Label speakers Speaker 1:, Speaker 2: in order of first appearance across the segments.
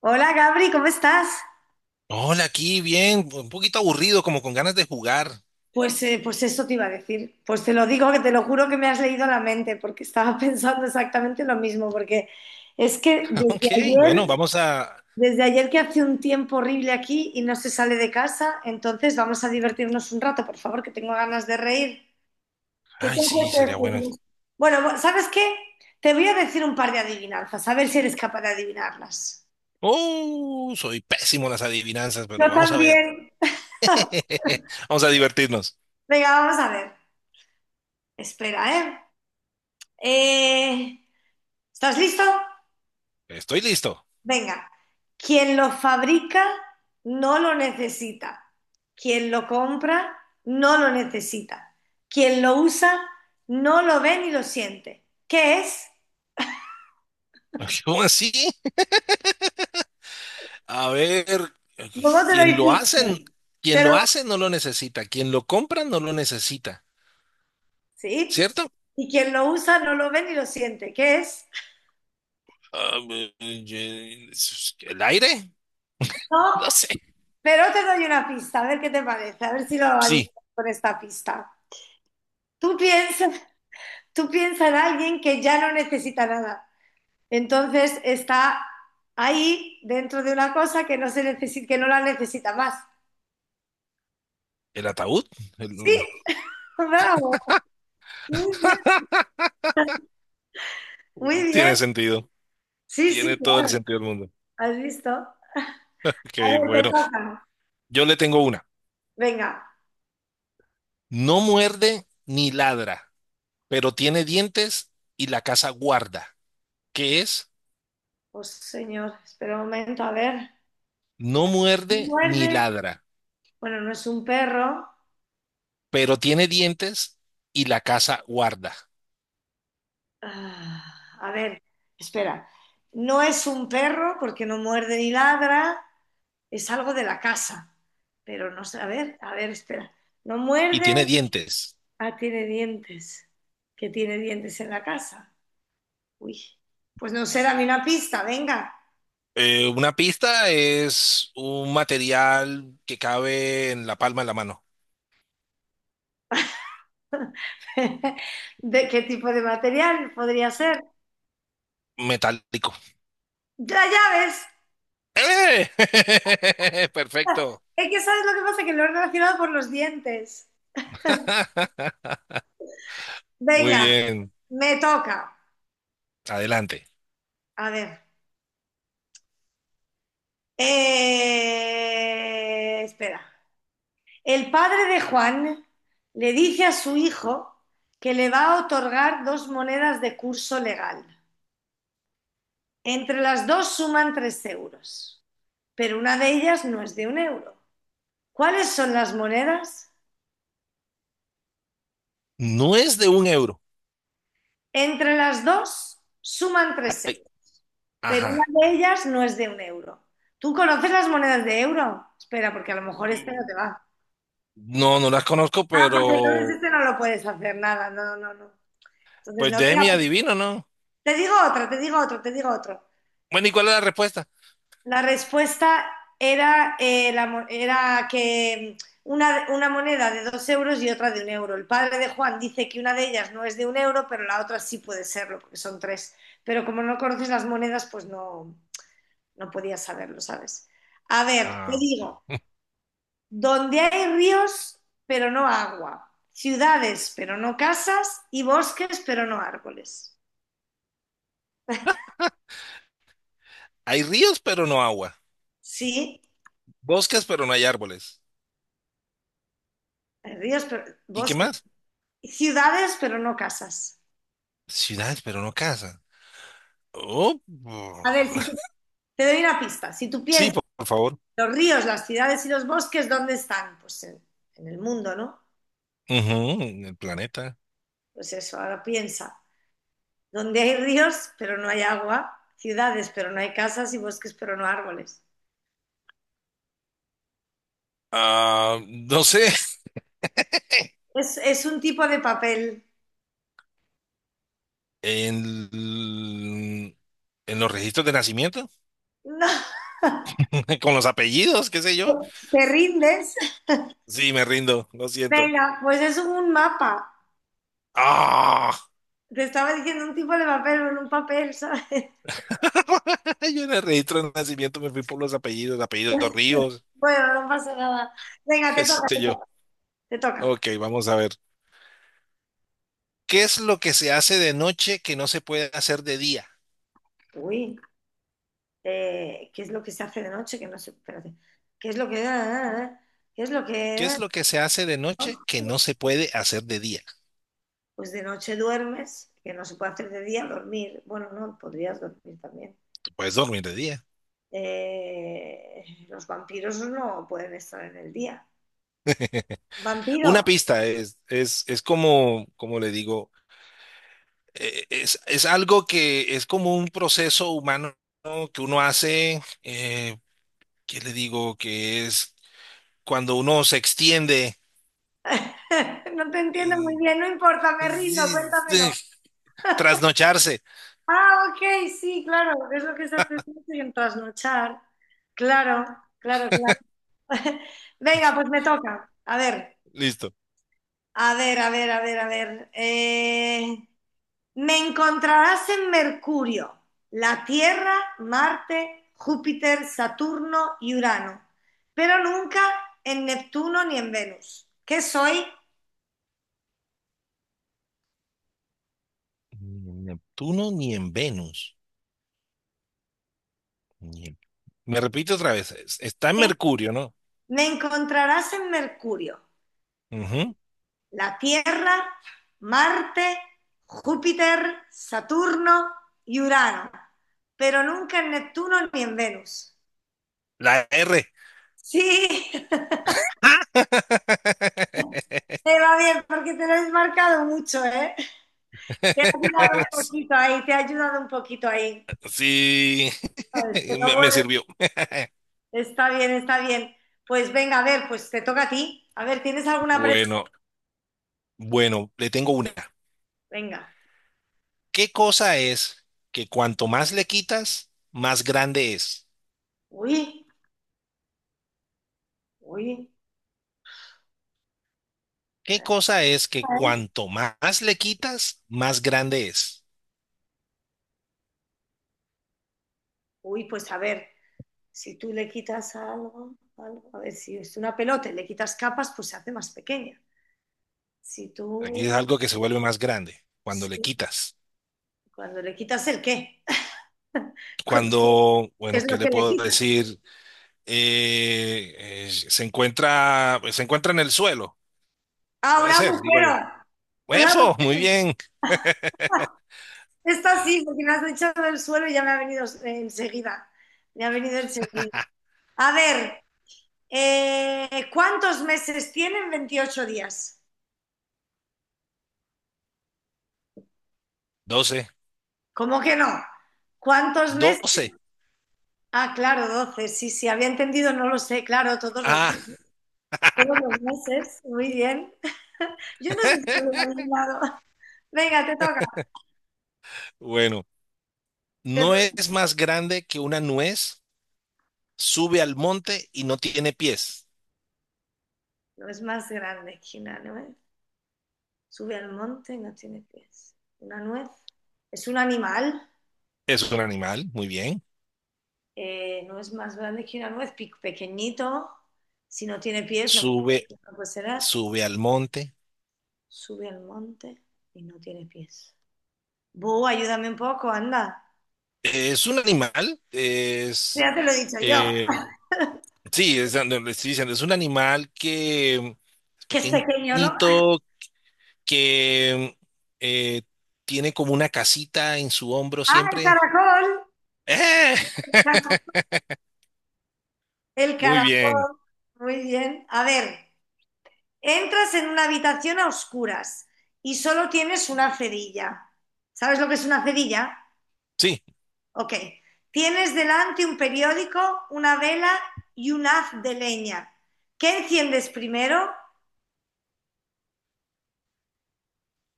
Speaker 1: Hola Gabri, ¿cómo estás?
Speaker 2: Hola, aquí bien, un poquito aburrido, como con ganas de jugar.
Speaker 1: Pues eso te iba a decir. Pues te lo digo, que te lo juro que me has leído la mente, porque estaba pensando exactamente lo mismo, porque es que
Speaker 2: Ok,
Speaker 1: desde ayer,
Speaker 2: bueno, vamos a...
Speaker 1: desde ayer que hace un tiempo horrible aquí y no se sale de casa, entonces vamos a divertirnos un rato, por favor, que tengo ganas de reír. ¿Qué te
Speaker 2: Ay, sí, sería bueno.
Speaker 1: apetece? Bueno, ¿sabes qué? Te voy a decir un par de adivinanzas, a ver si eres capaz de adivinarlas.
Speaker 2: Oh, soy pésimo en las adivinanzas, pero
Speaker 1: Yo
Speaker 2: vamos a ver.
Speaker 1: también.
Speaker 2: Vamos a divertirnos.
Speaker 1: Venga, vamos a ver. Espera, ¿eh? Eh, ¿Estás listo?
Speaker 2: Estoy listo.
Speaker 1: Venga. Quien lo fabrica no lo necesita. Quien lo compra no lo necesita. Quien lo usa no lo ve ni lo siente. ¿Qué es?
Speaker 2: ¿Cómo así? A ver,
Speaker 1: ¿Cómo te lo
Speaker 2: quien lo
Speaker 1: hiciste?
Speaker 2: hacen, quien lo
Speaker 1: Pero,
Speaker 2: hace no lo necesita, quien lo compra no lo necesita,
Speaker 1: sí.
Speaker 2: ¿cierto?
Speaker 1: Y quien lo usa no lo ve ni lo siente. ¿Qué es?
Speaker 2: Ah, eh, eh, ¿El aire?
Speaker 1: No,
Speaker 2: No sé.
Speaker 1: pero te doy una pista, a ver qué te parece, a ver si lo adivinas
Speaker 2: Sí,
Speaker 1: con esta pista. Tú piensas, tú piensas en alguien que ya no necesita nada. Entonces está ahí dentro de una cosa que no se necesita, que no la necesita más.
Speaker 2: el ataúd.
Speaker 1: Sí,
Speaker 2: El-
Speaker 1: bravo, muy bien, muy bien.
Speaker 2: Tiene sentido.
Speaker 1: Sí, sí,
Speaker 2: Tiene todo el
Speaker 1: claro,
Speaker 2: sentido del mundo.
Speaker 1: has visto. A
Speaker 2: Ok,
Speaker 1: ver, te
Speaker 2: bueno,
Speaker 1: toca.
Speaker 2: yo le tengo una.
Speaker 1: Venga,
Speaker 2: No muerde ni ladra, pero tiene dientes y la casa guarda. ¿Qué es?
Speaker 1: pues señor, espera un momento, a ver.
Speaker 2: No
Speaker 1: Mira,
Speaker 2: muerde ni
Speaker 1: muerde.
Speaker 2: ladra,
Speaker 1: Bueno, no es un perro.
Speaker 2: pero tiene dientes y la casa guarda.
Speaker 1: Ah, a ver, espera. No es un perro porque no muerde ni ladra, es algo de la casa. Pero no sé, a ver, espera. No
Speaker 2: Y
Speaker 1: muerde,
Speaker 2: tiene dientes.
Speaker 1: ah, tiene dientes. ¿Qué tiene dientes en la casa? Uy, pues no sé, dame una pista, venga.
Speaker 2: Una pista es un material que cabe en la palma de la mano.
Speaker 1: ¿De qué tipo de material podría ser?
Speaker 2: Metálico.
Speaker 1: Las llaves.
Speaker 2: ¡Eh! Perfecto.
Speaker 1: Es que sabes lo que pasa, que lo he relacionado por los dientes.
Speaker 2: Muy
Speaker 1: Venga,
Speaker 2: bien.
Speaker 1: me toca.
Speaker 2: Adelante.
Speaker 1: A ver. Espera. El padre de Juan le dice a su hijo que le va a otorgar dos monedas de curso legal. Entre las dos suman 3 euros, pero una de ellas no es de 1 euro. ¿Cuáles son las monedas?
Speaker 2: No es de un euro.
Speaker 1: Entre las dos suman tres
Speaker 2: Ay,
Speaker 1: euros, pero una
Speaker 2: ajá.
Speaker 1: de ellas no es de un euro. ¿Tú conoces las monedas de euro? Espera, porque a lo mejor este no te
Speaker 2: Mm,
Speaker 1: va.
Speaker 2: no, no las conozco,
Speaker 1: Ah, porque entonces
Speaker 2: pero
Speaker 1: este no lo puedes hacer nada. No, no, no. Entonces
Speaker 2: pues
Speaker 1: no, venga,
Speaker 2: déjeme y
Speaker 1: pues,
Speaker 2: adivino, ¿no?
Speaker 1: te digo otra, te digo otra, te digo otra.
Speaker 2: Bueno, ¿y cuál es la respuesta?
Speaker 1: La respuesta era que una moneda de 2 euros y otra de 1 euro. El padre de Juan dice que una de ellas no es de un euro, pero la otra sí puede serlo, porque son tres. Pero como no conoces las monedas, pues no, no podías saberlo, ¿sabes? A ver, te
Speaker 2: Ah.
Speaker 1: digo, donde hay ríos, pero no agua, ciudades, pero no casas, y bosques, pero no árboles.
Speaker 2: Hay ríos, pero no agua.
Speaker 1: Sí,
Speaker 2: Bosques, pero no hay árboles.
Speaker 1: hay ríos, pero
Speaker 2: ¿Y qué
Speaker 1: bosques,
Speaker 2: más?
Speaker 1: ciudades, pero no casas.
Speaker 2: Ciudades, pero no casas. Oh, oh.
Speaker 1: A ver, si te te doy una pista. Si tú
Speaker 2: Sí,
Speaker 1: piensas,
Speaker 2: por favor.
Speaker 1: los ríos, las ciudades y los bosques, ¿dónde están? Pues en el mundo, ¿no?
Speaker 2: Ujú, en el planeta.
Speaker 1: Pues eso, ahora piensa. Donde hay ríos, pero no hay agua, ciudades, pero no hay casas y bosques, pero no árboles.
Speaker 2: Ah, no sé.
Speaker 1: Es un tipo de papel.
Speaker 2: En, l- en los registros de nacimiento,
Speaker 1: No,
Speaker 2: con los apellidos, qué sé yo.
Speaker 1: ¿te rindes?
Speaker 2: Sí, me rindo, lo siento.
Speaker 1: Venga, pues es un mapa.
Speaker 2: Ah.
Speaker 1: Te estaba diciendo un tipo de papel, en un papel, ¿sabes?
Speaker 2: Ay, yo en el registro de nacimiento me fui por los apellidos, apellidos Ríos,
Speaker 1: Bueno, no pasa nada. Venga, te
Speaker 2: qué
Speaker 1: toca,
Speaker 2: sé
Speaker 1: te
Speaker 2: yo.
Speaker 1: toca, te toca.
Speaker 2: Ok, vamos a ver. ¿Qué es lo que se hace de noche que no se puede hacer de día?
Speaker 1: Uy. ¿Qué es lo que se hace de noche, que no sé, espérate, qué es lo que? Qué es lo que,
Speaker 2: ¿Qué es
Speaker 1: ah,
Speaker 2: lo que se hace de noche que
Speaker 1: ah?
Speaker 2: no se puede hacer de día?
Speaker 1: Pues de noche duermes, que no se puede hacer de día, dormir, bueno, no, podrías dormir también.
Speaker 2: Tú puedes dormir de día.
Speaker 1: Los vampiros no pueden estar en el día. Vampiro,
Speaker 2: Una pista es como, como le es algo que es como un proceso humano que uno hace, ¿qué le digo? Que es cuando uno se extiende,
Speaker 1: no te entiendo muy
Speaker 2: eh,
Speaker 1: bien, no importa, me rindo, cuéntamelo.
Speaker 2: trasnocharse.
Speaker 1: Ah, ok, sí, claro, es lo que se hace de noche en trasnochar. Claro, claro, claro. Venga, pues me toca. A ver.
Speaker 2: Listo.
Speaker 1: A ver, a ver, a ver, a ver. Me encontrarás en Mercurio, la Tierra, Marte, Júpiter, Saturno y Urano, pero nunca en Neptuno ni en Venus. ¿Qué soy?
Speaker 2: Ni en Neptuno ni en Venus. Ni en- Me repito otra vez. Está en
Speaker 1: Me
Speaker 2: Mercurio, ¿no?
Speaker 1: me encontrarás en Mercurio,
Speaker 2: Ujú.
Speaker 1: la Tierra, Marte, Júpiter, Saturno y Urano, pero nunca en Neptuno ni en Venus.
Speaker 2: La R.
Speaker 1: Sí, te va bien porque te lo has marcado mucho, ¿eh? Te ha ayudado un poquito ahí, te ha ayudado un poquito ahí.
Speaker 2: Sí,
Speaker 1: Pero
Speaker 2: me
Speaker 1: bueno,
Speaker 2: sirvió.
Speaker 1: está bien, está bien. Pues venga, a ver, pues te toca a ti. A ver, ¿tienes alguna preparada?
Speaker 2: Bueno, bueno, le tengo una.
Speaker 1: Venga.
Speaker 2: ¿Qué cosa es que cuanto más le quitas, más grande es?
Speaker 1: Uy, uy.
Speaker 2: ¿Qué
Speaker 1: Esta
Speaker 2: cosa es que
Speaker 1: es.
Speaker 2: cuanto más le quitas, más grande es?
Speaker 1: Uy, pues a ver, si tú le quitas algo, algo, a ver, si es una pelota y le quitas capas, pues se hace más pequeña. Si tú,
Speaker 2: Aquí es algo que se vuelve más grande cuando le
Speaker 1: sí,
Speaker 2: quitas.
Speaker 1: cuando le quitas el qué,
Speaker 2: Cuando,
Speaker 1: ¿qué
Speaker 2: bueno,
Speaker 1: es
Speaker 2: ¿qué
Speaker 1: lo
Speaker 2: le
Speaker 1: que le
Speaker 2: puedo
Speaker 1: quitas?
Speaker 2: decir? Se encuentra en el suelo,
Speaker 1: Ah, un
Speaker 2: puede ser, digo yo.
Speaker 1: agujero, un
Speaker 2: Huefo, muy
Speaker 1: agujero.
Speaker 2: bien.
Speaker 1: Esta sí, porque me has echado del suelo y ya me ha venido enseguida. Me ha venido enseguida. A ver, ¿cuántos meses tienen 28 días?
Speaker 2: Doce.
Speaker 1: ¿Cómo que no? ¿Cuántos meses?
Speaker 2: Doce.
Speaker 1: Ah, claro, 12. Sí, sí, había entendido, no lo sé. Claro, todos los
Speaker 2: Ah,
Speaker 1: meses. Todos los meses. Muy bien. Yo no sé si lo he adivinado. Venga, te toca.
Speaker 2: bueno,
Speaker 1: Te
Speaker 2: no
Speaker 1: toca.
Speaker 2: es más grande que una nuez, sube al monte y no tiene pies.
Speaker 1: No es más grande que una nuez. Sube al monte y no tiene pies. Una nuez. Es un animal.
Speaker 2: Es un animal, muy bien.
Speaker 1: No es más grande que una nuez, pequeñito, si no tiene pies, no puede,
Speaker 2: Sube,
Speaker 1: no puede ser,
Speaker 2: sube al monte.
Speaker 1: sube al monte y no tiene pies. Ayúdame un poco, anda.
Speaker 2: Es un animal,
Speaker 1: Ya te lo he dicho yo,
Speaker 2: eh, sí, es, donde le estoy diciendo, es un animal que es
Speaker 1: que es pequeño, ¿no?
Speaker 2: pequeñito, que eh, tiene como una casita en su hombro
Speaker 1: Ah,
Speaker 2: siempre. ¡Eh!
Speaker 1: el
Speaker 2: Muy bien.
Speaker 1: caracol, muy bien. A ver, entras en una habitación a oscuras y solo tienes una cerilla. ¿Sabes lo que es una cerilla?
Speaker 2: Sí,
Speaker 1: Ok. Tienes delante un periódico, una vela y un haz de leña. ¿Qué enciendes primero?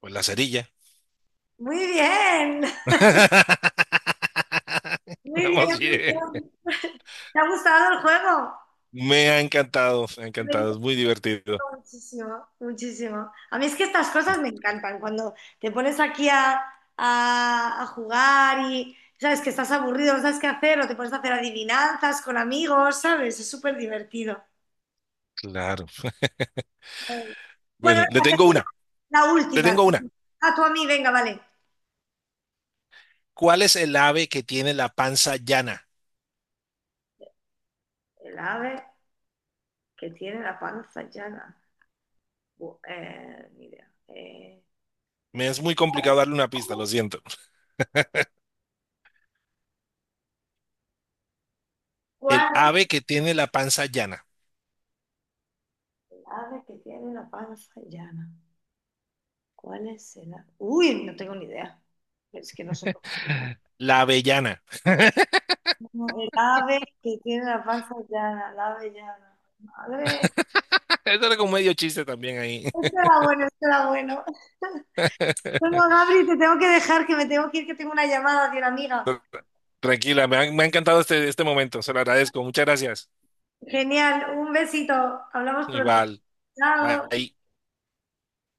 Speaker 2: pues la cerilla.
Speaker 1: Muy bien, muy bien,
Speaker 2: Vamos
Speaker 1: muy
Speaker 2: bien.
Speaker 1: bien. ¿Te ha gustado el juego?
Speaker 2: Me ha
Speaker 1: Me
Speaker 2: encantado, es
Speaker 1: encantó
Speaker 2: muy divertido.
Speaker 1: muchísimo, muchísimo. A mí es que estas cosas me encantan. Cuando te pones aquí a jugar y sabes que estás aburrido, no sabes qué hacer, o te pones a hacer adivinanzas con amigos, ¿sabes? Es súper divertido.
Speaker 2: Claro.
Speaker 1: Bueno,
Speaker 2: Bueno, le
Speaker 1: venga,
Speaker 2: tengo una,
Speaker 1: te hago la
Speaker 2: le
Speaker 1: última.
Speaker 2: tengo una.
Speaker 1: A tu amiga, venga, vale.
Speaker 2: ¿Cuál es el ave que tiene la panza llana?
Speaker 1: El ave que tiene la panza llana. Ni idea.
Speaker 2: Me es muy complicado darle una pista, lo siento. El
Speaker 1: ¿Cuál?
Speaker 2: ave que tiene la panza llana.
Speaker 1: El ave que tiene la panza llana. ¿Cuál es el ave? Uy, no tengo ni idea. Es que no sé. No,
Speaker 2: La avellana.
Speaker 1: no, el ave que tiene la panza llana, el ave llana. Madre.
Speaker 2: Eso era como medio chiste también ahí.
Speaker 1: Esto era bueno, esto era bueno. Bueno, Gabri, te tengo que dejar, que me tengo que ir, que tengo una llamada de una amiga.
Speaker 2: Tranquila, me ha encantado este, este momento. Se lo agradezco. Muchas gracias.
Speaker 1: Genial, un besito. Hablamos pronto.
Speaker 2: Igual.
Speaker 1: Chao.
Speaker 2: Bye.